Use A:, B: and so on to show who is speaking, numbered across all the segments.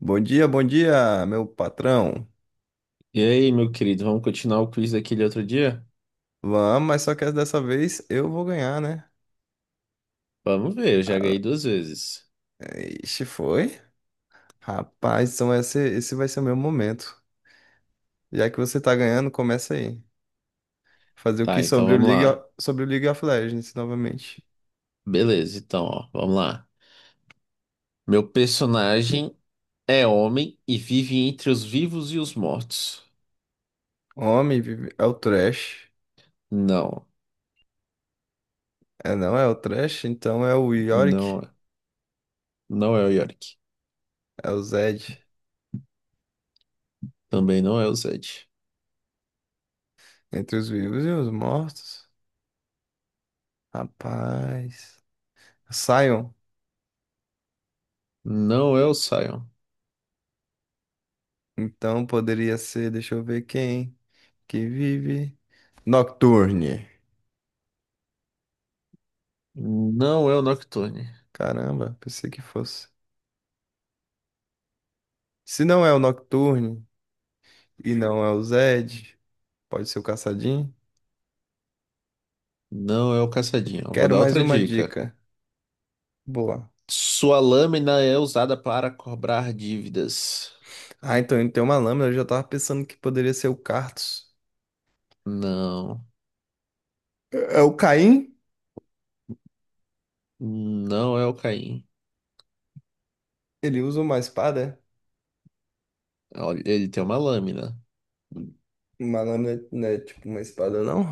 A: Bom dia, meu patrão.
B: E aí, meu querido, vamos continuar o quiz daquele outro dia?
A: Vamos, mas só que dessa vez eu vou ganhar, né?
B: Vamos ver, eu já ganhei duas vezes.
A: Ixi, foi? Rapaz, então esse vai ser o meu momento. Já que você tá ganhando, começa aí. Fazer o que
B: Tá, então
A: sobre o
B: vamos lá.
A: Sobre o League of Legends novamente.
B: Beleza, então, ó, vamos lá. Meu personagem é homem e vive entre os vivos e os mortos.
A: Homem, é o Thresh.
B: Não,
A: É, não é o Thresh, então é o Yorick,
B: não, não é o Yorick.
A: é o Zed.
B: Também não é o Zed.
A: Entre os vivos e os mortos. Rapaz. Sion.
B: Não é o Sion.
A: Então poderia ser, deixa eu ver quem. Que vive. Nocturne.
B: Não é o Nocturne.
A: Caramba, pensei que fosse. Se não é o Nocturne e não é o Zed, pode ser o Caçadinho.
B: Não é o Caçadinho. Eu vou
A: Quero
B: dar
A: mais
B: outra
A: uma
B: dica.
A: dica. Boa.
B: Sua lâmina é usada para cobrar dívidas.
A: Ah, então ele tem uma lâmina. Eu já tava pensando que poderia ser o Cartus.
B: Não.
A: É o Caim?
B: Não é o Caim.
A: Ele usa uma espada?
B: Olha, ele tem uma lâmina.
A: É? Uma lâmina não é tipo uma espada, não?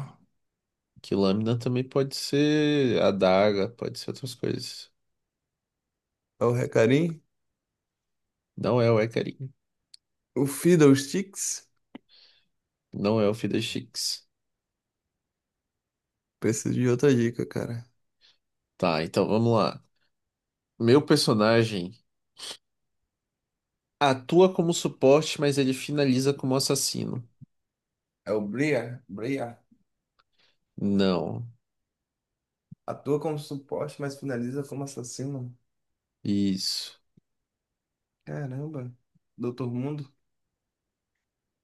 B: Que lâmina também pode ser adaga, pode ser outras coisas.
A: É o Recarim?
B: Não é o Ecarim.
A: O Fiddlesticks?
B: Não é o Fiddlesticks.
A: Preciso de outra dica, cara.
B: Tá, então vamos lá. Meu personagem atua como suporte, mas ele finaliza como assassino.
A: É o Briar? Bria.
B: Não.
A: Atua como suporte, mas finaliza como assassino.
B: Isso.
A: Caramba, Doutor Mundo?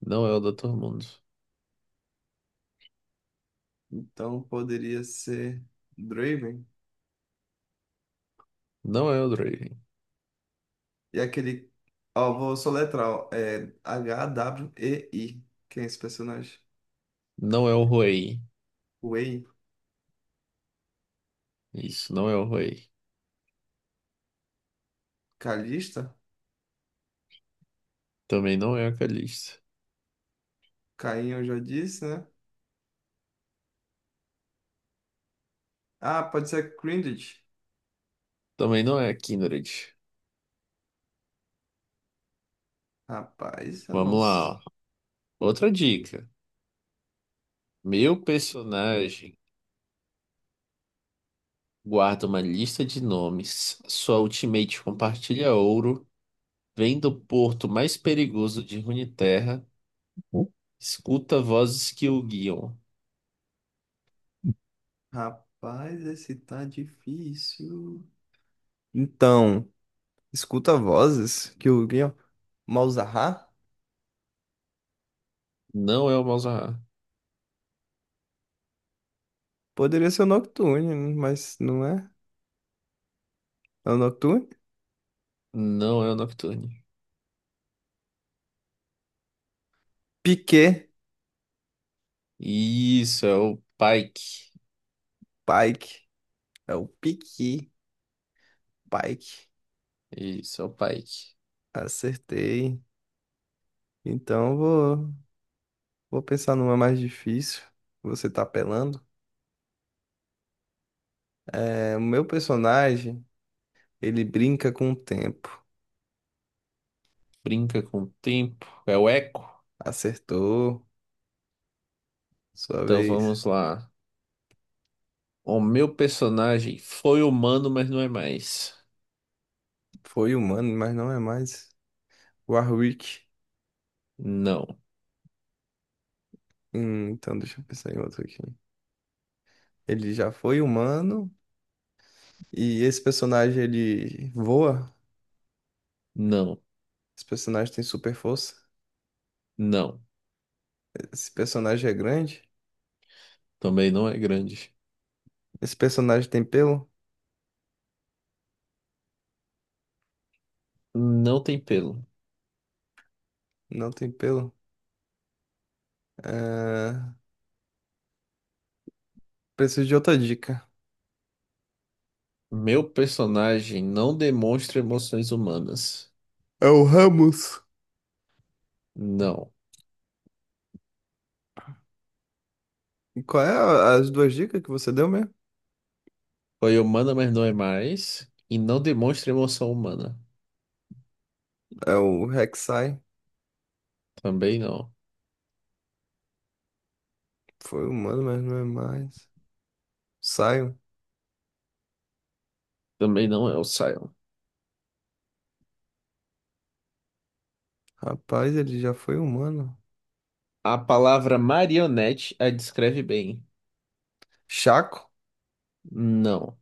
B: Não é o Dr. Mundo.
A: Então poderia ser Draven.
B: Não é o Draven.
A: E aquele. Ó, vou soletrar, ó. É H-W-E-I. Quem é esse personagem?
B: Não é o Ruei.
A: Wei.
B: Isso, não é o Ruei.
A: Kalista?
B: Também não é a Calista.
A: Caim eu já disse, né? Ah, pode ser Grinded.
B: Também não é a Kindred.
A: Rapaz, eu não.
B: Vamos lá,
A: s-
B: ó. Outra dica. Meu personagem guarda uma lista de nomes. Sua ultimate compartilha ouro. Vem do porto mais perigoso de Runeterra. Escuta vozes que o guiam.
A: Rapaz, esse tá difícil. Então, escuta vozes que o Guion. Malzahar?
B: Não é o Malzahar.
A: Poderia ser o Nocturne, mas não é? É o Nocturne?
B: Não é o Nocturne.
A: Piquet.
B: Isso, é o Pike.
A: Pike. É o Piqui, Pike.
B: Isso, é o Pike.
A: Acertei. Então eu vou, vou pensar numa mais difícil. Você tá apelando? É, o meu personagem, ele brinca com o tempo.
B: Brinca com o tempo. É o Echo.
A: Acertou. Sua
B: Então
A: vez.
B: vamos lá. O meu personagem foi humano, mas não é mais.
A: Foi humano, mas não é mais. Warwick.
B: Não,
A: Então deixa eu pensar em outro aqui. Ele já foi humano. E esse personagem, ele voa.
B: não,
A: Esse personagem tem super força.
B: não.
A: Esse personagem é grande.
B: Também não é grande.
A: Esse personagem tem pelo?
B: Não tem pelo.
A: Não tem pelo. É, preciso de outra dica.
B: Meu personagem não demonstra emoções humanas.
A: É o Ramos.
B: Não.
A: E qual é as duas dicas que você deu mesmo?
B: Foi humana, mas não é mais. E não demonstra emoção humana.
A: É o Rek'Sai.
B: Também não.
A: Foi humano, mas não é mais. Sion.
B: Também não é o Sion.
A: Rapaz, ele já foi humano.
B: A palavra marionete a descreve bem.
A: Chaco.
B: Não.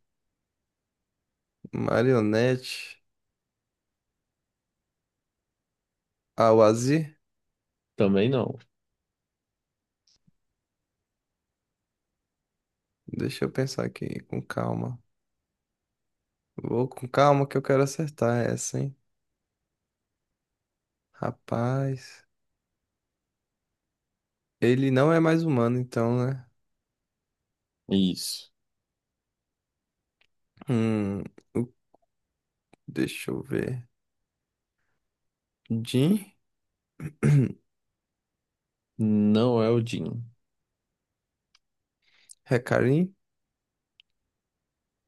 A: Marionete. Awazir.
B: Também não.
A: Deixa eu pensar aqui, com calma. Vou com calma que eu quero acertar essa, hein? Rapaz. Ele não é mais humano, então, né?
B: Isso.
A: Hum, o- deixa eu ver. Jin?
B: Não é o Jin.
A: Recarim?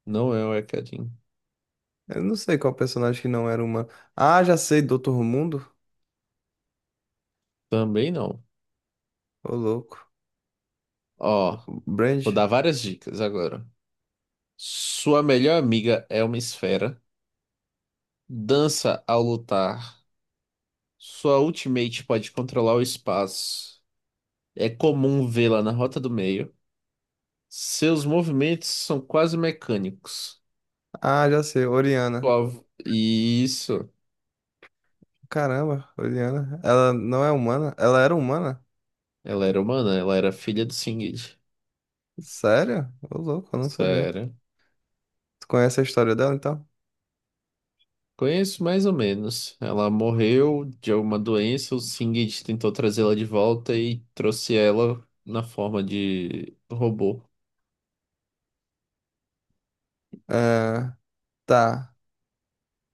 B: Não é o Ekadin.
A: Eu não sei qual personagem que não era humano. Ah, já sei, Doutor Mundo.
B: Também não.
A: Ô, louco.
B: Ó, vou
A: Brand.
B: dar várias dicas agora. Sua melhor amiga é uma esfera. Dança ao lutar. Sua ultimate pode controlar o espaço. É comum vê-la na rota do meio. Seus movimentos são quase mecânicos.
A: Ah, já sei, Oriana.
B: Isso.
A: Caramba, Oriana. Ela não é humana? Ela era humana?
B: Ela era humana, ela era filha do Singed.
A: Sério? Ô, louco, eu não sabia.
B: Sério.
A: Tu conhece a história dela, então?
B: Conheço mais ou menos. Ela morreu de alguma doença, o Singed tentou trazê-la de volta e trouxe ela na forma de robô.
A: É, tá.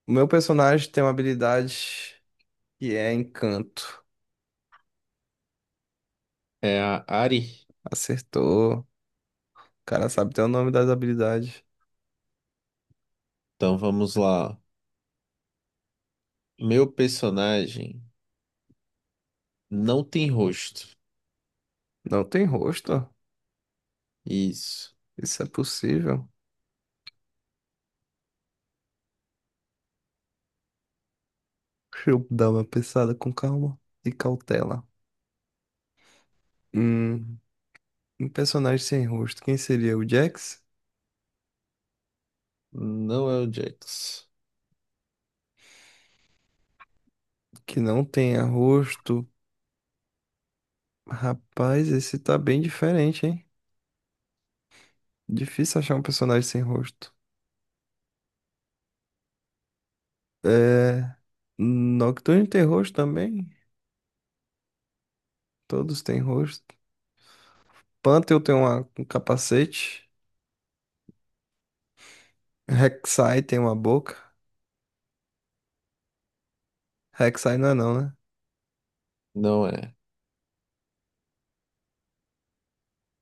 A: O meu personagem tem uma habilidade que é encanto.
B: É a Ari.
A: Acertou. Cara sabe até o nome das habilidades.
B: Então vamos lá. Meu personagem não tem rosto.
A: Não tem rosto?
B: Isso.
A: Isso é possível? Deixa eu dar uma pensada com calma e cautela. Hum, um personagem sem rosto. Quem seria o Jax?
B: Não é o Jax.
A: Que não tenha rosto. Rapaz, esse tá bem diferente, hein? Difícil achar um personagem sem rosto. É. Nocturne tem rosto também? Todos têm rosto. Panther tem um capacete. Rek'Sai tem uma boca. Rek'Sai não é não, né?
B: Não é.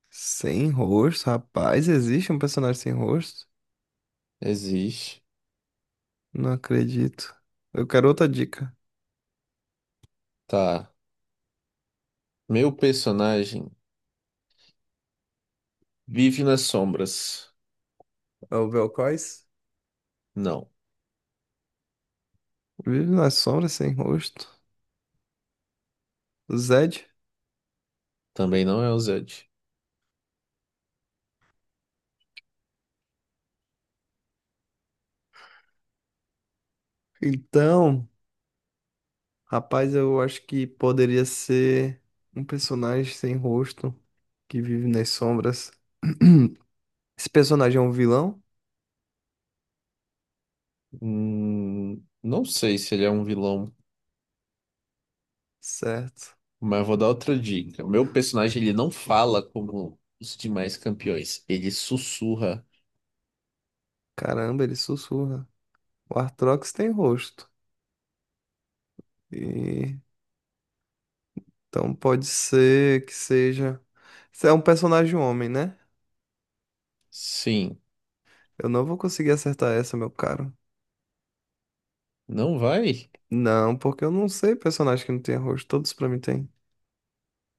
A: Sem rosto, rapaz, existe um personagem sem rosto?
B: Existe.
A: Não acredito. Eu quero outra dica.
B: Tá. Meu personagem vive nas sombras.
A: É o Belcois?
B: Não.
A: Vive nas sombras sem rosto. Zed?
B: Também não é o Zed.
A: Então, rapaz, eu acho que poderia ser um personagem sem rosto que vive nas sombras. Esse personagem é um vilão?
B: Não sei se ele é um vilão,
A: Certo.
B: mas vou dar outra dica. Meu personagem, ele não fala como os demais campeões. Ele sussurra.
A: Caramba, ele sussurra. O Arthrox tem rosto. E então pode ser que seja. Você é um personagem homem, né?
B: Sim.
A: Eu não vou conseguir acertar essa, meu caro.
B: Não vai?
A: Não, porque eu não sei personagem que não tem rosto. Todos pra mim tem.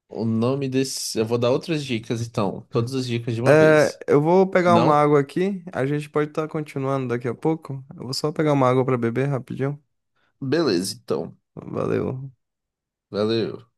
B: O nome desse. Eu vou dar outras dicas, então. Todas as dicas de uma
A: É,
B: vez.
A: eu vou pegar uma
B: Não?
A: água aqui. A gente pode estar continuando daqui a pouco. Eu vou só pegar uma água pra beber rapidinho.
B: Beleza, então.
A: Valeu.
B: Valeu.